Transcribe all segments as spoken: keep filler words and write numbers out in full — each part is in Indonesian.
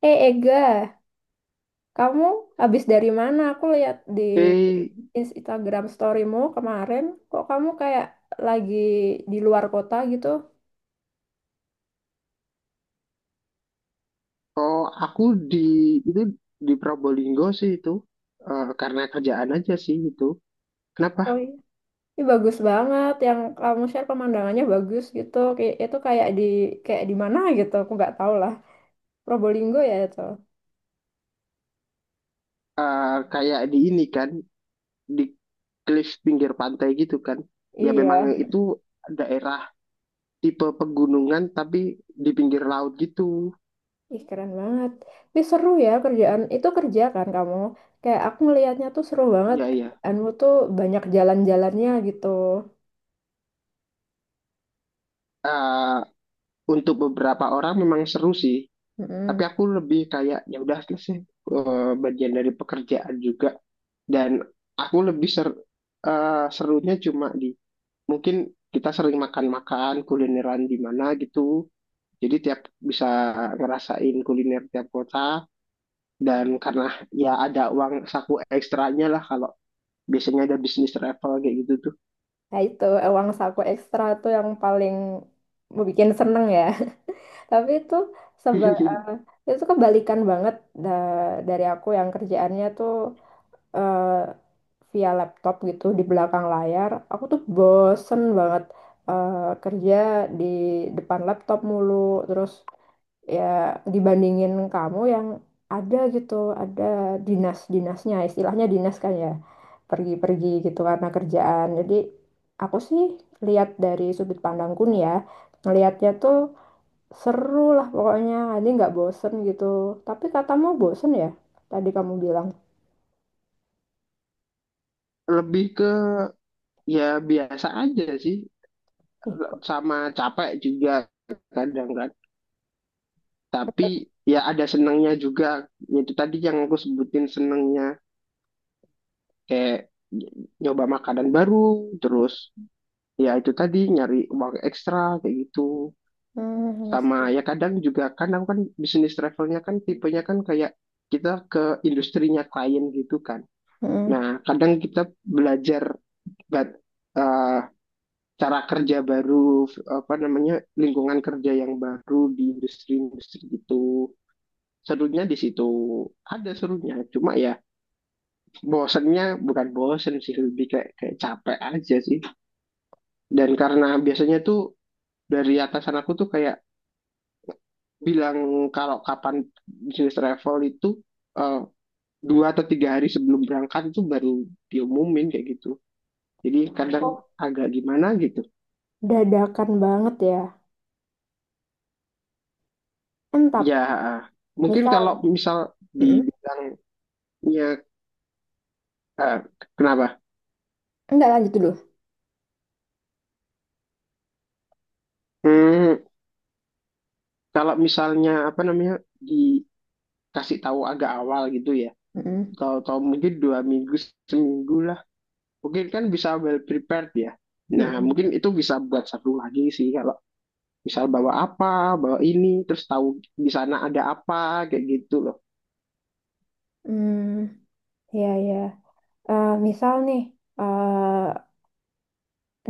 Eh, Ega, kamu habis dari mana? Aku lihat di Eh, Instagram storymu kemarin, kok kamu kayak lagi di luar kota gitu? oh aku di itu di Probolinggo sih itu. Eh, karena kerjaan aja sih itu. Kenapa? Oh iya. Ini bagus banget, yang kamu share pemandangannya bagus gitu. Kayak itu kayak di kayak di mana gitu? Aku nggak tahu lah. Probolinggo ya itu. Eh, kayak di ini kan di cliff pinggir pantai gitu kan. Ya memang Iya. itu daerah tipe pegunungan tapi di pinggir laut gitu. Ih keren banget. Tapi seru ya kerjaan. Itu kerja kan kamu? Kayak aku ngelihatnya tuh seru banget. Iya, iya. Kerjaanmu tuh banyak jalan-jalannya gitu. Eh, untuk beberapa orang memang seru sih. Tapi Mm-mm. aku lebih kayak ya udah selesai, eh, bagian dari pekerjaan juga, dan aku lebih ser eh, serunya cuma di mungkin kita sering makan-makan kulineran di mana gitu. Jadi tiap bisa ngerasain kuliner tiap kota, dan karena ya ada uang saku ekstranya lah kalau biasanya ada bisnis travel kayak gitu tuh. Nah itu eh, uang saku ekstra tuh yang paling bikin seneng ya. Tapi itu seba eh, itu kebalikan banget da- dari aku yang kerjaannya tuh eh, via laptop gitu di belakang layar. Aku tuh bosen banget eh, kerja di depan laptop mulu. Terus ya dibandingin kamu yang ada gitu, ada dinas-dinasnya, istilahnya dinas kan ya, pergi-pergi gitu karena kerjaan. Jadi aku sih lihat dari sudut pandangku nih ya, ngelihatnya tuh seru lah pokoknya, nanti nggak bosen gitu. Tapi katamu bosen ya, tadi kamu bilang. Lebih ke ya biasa aja sih, Ih, kok. sama capek juga kadang kan. Tapi ya ada senangnya juga. Itu tadi yang aku sebutin senangnya kayak nyoba makanan baru, terus ya itu tadi nyari uang ekstra kayak gitu, Hmm, sama iya. ya kadang juga kan aku kan bisnis travelnya kan tipenya kan kayak kita ke industrinya klien gitu kan. Mm-mm. Nah kadang kita belajar bat, eh, cara kerja baru, f- apa namanya, lingkungan kerja yang baru di industri-industri gitu. Serunya di situ, ada serunya, cuma ya bosennya bukan bosen sih, lebih kayak kayak capek aja sih. Dan karena biasanya tuh dari atasan aku tuh kayak bilang kalau kapan bisnis travel itu eh, dua atau tiga hari sebelum berangkat itu baru diumumin kayak gitu. Jadi Kok kadang agak gimana gitu. dadakan banget ya. Entap, Ya mungkin kalau misal. misal Mm-mm. dibilangnya, eh, kenapa? Enggak lanjut dulu. Hmm, kalau misalnya apa namanya dikasih tahu agak awal gitu ya. Mm-mm. Tahu-tahu mungkin dua minggu, seminggu lah. Mungkin kan bisa well prepared ya. Nah Mm-mm. mungkin itu bisa buat satu lagi sih, kalau misal bawa apa, bawa ini, terus tahu di sana ada apa, kayak gitu loh. Hmm, ya ya. Eh, misal nih, eh,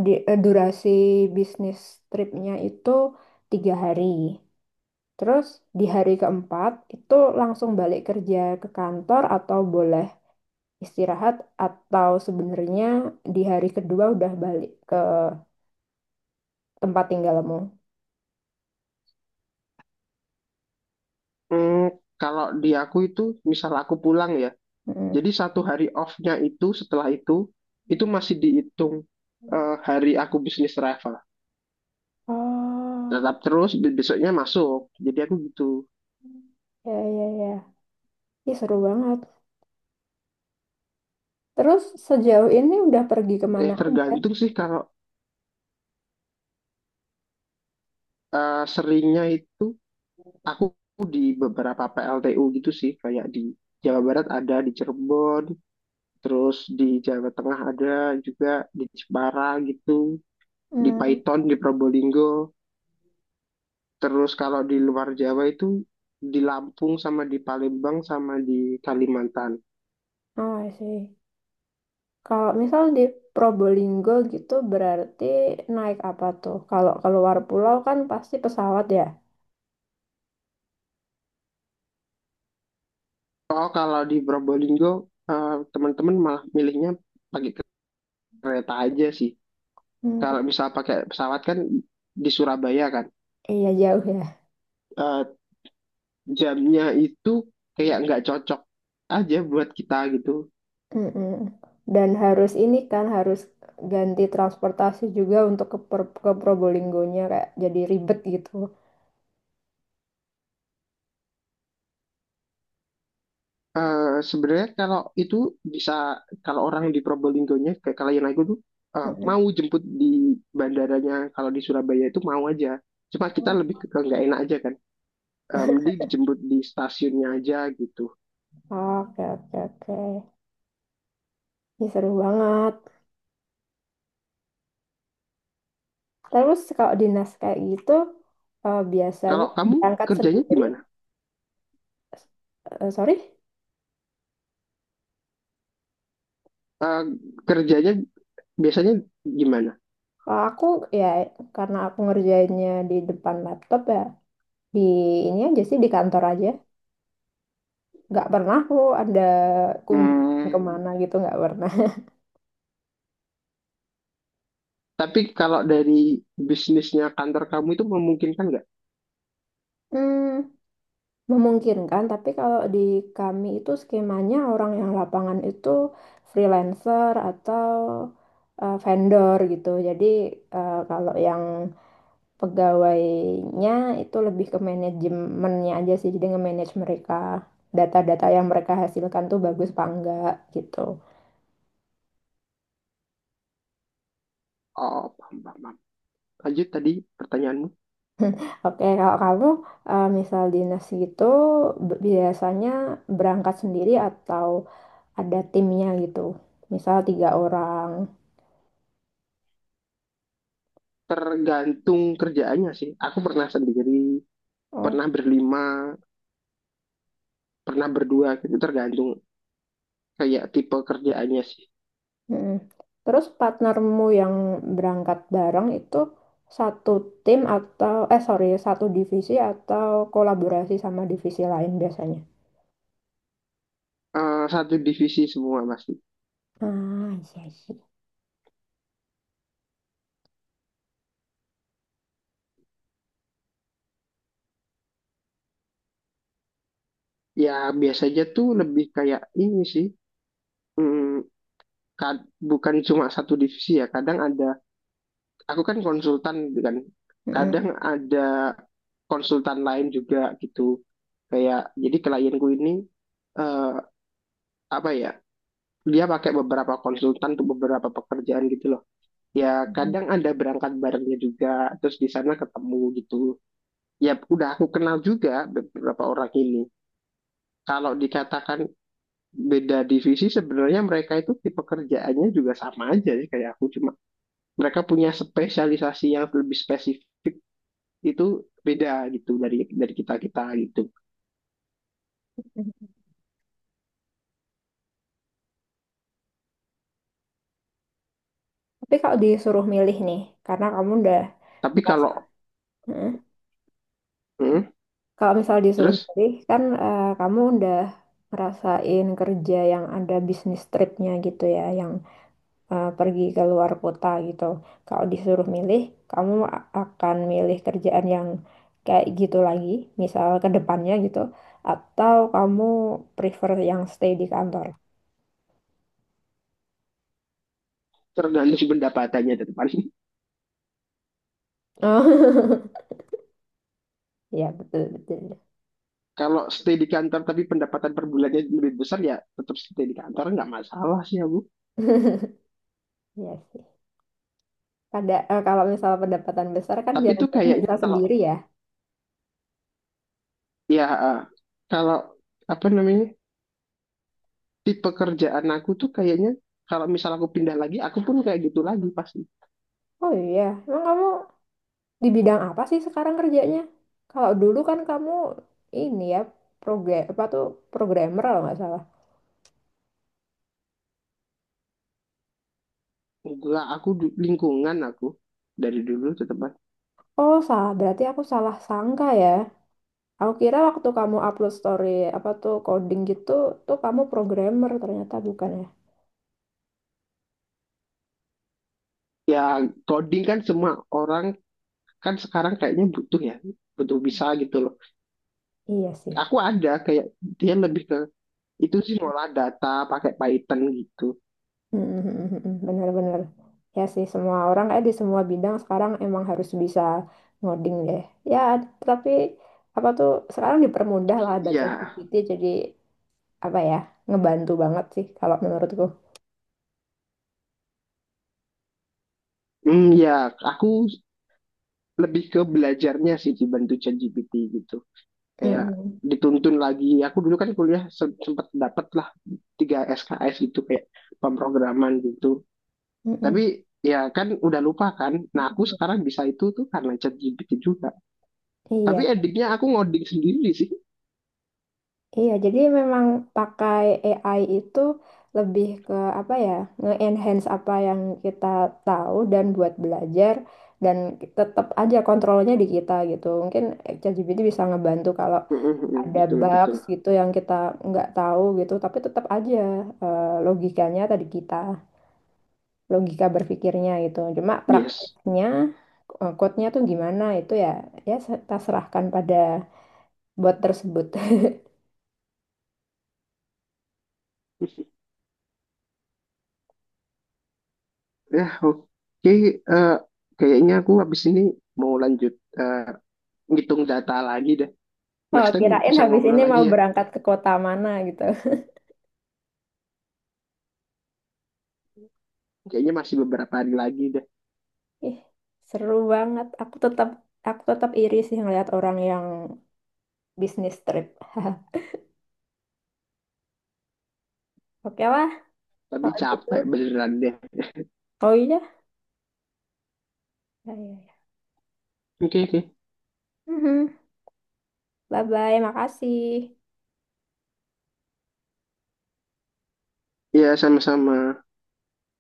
di, eh, durasi bisnis tripnya itu tiga hari. Terus di hari keempat itu langsung balik kerja ke kantor atau boleh istirahat atau sebenarnya di hari kedua udah balik ke tempat tinggalmu. Hmm, kalau di aku itu, misal aku pulang ya, Mm. jadi satu hari off-nya itu setelah itu, itu masih dihitung eh, hari aku bisnis travel. Oh, Tetap terus be- besoknya masuk, jadi aku gitu. ya ya ya. Ih, seru banget. Terus sejauh ini udah pergi Eh, kemana aja? tergantung sih kalau eh, seringnya itu aku di beberapa P L T U gitu sih, kayak di Jawa Barat ada, di Cirebon, terus di Jawa Tengah ada juga, di Jepara gitu. Di Hmm. Python, di Probolinggo. Terus kalau di luar Jawa itu di Lampung sama di Palembang sama di Kalimantan. Oh, I see. Kalau misal di Probolinggo gitu berarti naik apa tuh? Kalau keluar pulau kan pasti pesawat ya. Oh, kalau di Probolinggo eh, teman-teman malah milihnya pakai kereta aja sih. Hmm, Kalau bet- misal pakai pesawat kan di Surabaya kan iya jauh ya. eh, jamnya itu kayak nggak cocok aja buat kita gitu. Mm-mm. Dan harus ini kan harus ganti transportasi juga untuk ke, Per- ke Probolinggonya kayak jadi ribet gitu. Eh, sebenarnya kalau itu bisa, kalau orang di Probolinggonya kayak kalian, aku tuh eh, Mm-mm. mau jemput di bandaranya kalau di Surabaya itu mau aja, cuma kita lebih ke ke nggak enak aja kan. Eh, mending dijemput di stasiunnya aja gitu. Oh, oke oke oke. Ini seru banget. Terus kalau dinas kayak gitu eh, biasanya Kalau kamu berangkat kerjanya sendiri. gimana? Eh, sorry? Eh, Kerjanya biasanya gimana? Kalau aku ya karena aku ngerjainnya di depan laptop ya di ini aja sih di kantor aja. Nggak pernah aku ada kunjungan Hmm, kemana gitu nggak pernah. tapi kalau dari bisnisnya kantor kamu itu memungkinkan nggak? Hmm, memungkinkan tapi kalau di kami itu skemanya orang yang lapangan itu freelancer atau eh, vendor gitu. Jadi eh, kalau yang pegawainya itu lebih ke manajemennya aja sih jadi nge-manage mereka data-data yang mereka hasilkan tuh bagus apa enggak gitu. Oh, paham, paham, paham. Lanjut tadi pertanyaanmu. Oke kalau kamu eh, misal dinas gitu b- biasanya berangkat sendiri atau ada timnya gitu misal tiga orang. Tergantung kerjaannya sih. Aku pernah sendiri, Oh, pernah berlima, pernah berdua gitu, tergantung kayak tipe kerjaannya sih. mm-mm. Terus partnermu yang berangkat bareng itu satu tim atau eh sorry satu divisi atau kolaborasi sama divisi lain biasanya. Eh, satu divisi semua pasti. Ah, iya, sih. Ya biasanya tuh lebih kayak ini sih, hmm, kad- bukan cuma satu divisi ya, kadang ada, aku kan konsultan gitu kan, Mm-mm, kadang ada konsultan lain juga gitu, kayak jadi klienku ini eh, apa ya, dia pakai beberapa konsultan untuk beberapa pekerjaan gitu loh ya. mm-mm, Kadang ada berangkat barengnya juga, terus di sana ketemu gitu, ya udah aku kenal juga beberapa orang ini. Kalau dikatakan beda divisi, sebenarnya mereka itu tipe kerjaannya juga sama aja sih kayak aku. Cuma mereka punya spesialisasi yang lebih spesifik, itu beda gitu dari dari kita kita gitu. mm-mm. Tapi kalau disuruh milih nih, karena kamu udah Tapi ngerasa. kalau Mm-mm. hmm, Kalau misal disuruh terus milih, kan eh, kamu udah ngerasain kerja yang ada bisnis tripnya gitu ya, yang eh, pergi ke luar kota gitu. Kalau disuruh milih, kamu a- akan milih kerjaan yang kayak gitu lagi, misal ke depannya gitu, atau kamu prefer yang stay di kantor? tergantung pendapatannya depan. Oh, ya betul betul. Kalau stay di kantor tapi pendapatan per bulannya lebih besar, ya tetap stay di kantor nggak masalah sih ya Bu. Ya sih. Kada eh, kalau misal pendapatan besar kan Tapi tuh jalan-jalan kayaknya bisa kalau sendiri ya. ya eh, kalau apa namanya di pekerjaan aku tuh kayaknya kalau misal aku pindah lagi aku pun kayak gitu lagi pasti. Oh iya, emang kamu di bidang apa sih sekarang kerjanya? Kalau dulu kan kamu ini ya program apa tuh programmer kalau nggak salah. Enggak, aku du- lingkungan aku dari dulu tetap Mas. Oh salah, berarti aku salah sangka ya. Aku kira waktu kamu upload story apa tuh coding gitu tuh kamu programmer ternyata bukan ya. Ya, coding kan semua orang kan sekarang kayaknya butuh ya, butuh bisa gitu loh. Iya sih. Aku ada kayak dia lebih ke itu sih, ngolah data pakai Python gitu. Benar-benar. Ya sih, semua orang eh di semua bidang sekarang emang harus bisa ngoding deh. Ya, tapi apa tuh sekarang dipermudah lah ada Iya, ChatGPT jadi apa ya, ngebantu banget sih kalau menurutku. hmm, ya aku lebih ke belajarnya sih dibantu ChatGPT gitu, kayak Mm-mm. dituntun lagi. Aku dulu kan kuliah se- sempat dapat lah tiga S K S gitu kayak pemrograman gitu, Mm-mm. tapi ya kan udah lupa kan. Nah aku sekarang bisa itu tuh karena ChatGPT juga, tapi Iya, endingnya aku ngoding sendiri sih. iya. Jadi memang pakai A I itu lebih ke apa ya, nge-enhance apa yang kita tahu dan buat belajar dan tetap aja kontrolnya di kita gitu. Mungkin eh, ChatGPT bisa ngebantu kalau ada Betul, betul. bugs gitu yang kita nggak tahu gitu tapi tetap aja eh, logikanya tadi kita logika berpikirnya gitu cuma Yes. praktiknya eh, code-nya tuh gimana itu ya ya se- kita serahkan pada bot tersebut. Ya, oke, eh, kayaknya aku habis ini mau lanjut eh, ngitung data lagi deh. Oh Next time kirain bisa habis ngobrol ini lagi mau ya, berangkat ke kota mana gitu. kayaknya masih beberapa hari lagi deh. Ih seru banget aku tetap aku tetap iri sih ngeliat orang yang bisnis trip. Oke lah Tapi kalau gitu. capek beneran deh. Oh iya. Ya, ya, ya. Oke, oke. Mhm. Bye bye makasih. Iya, sama-sama.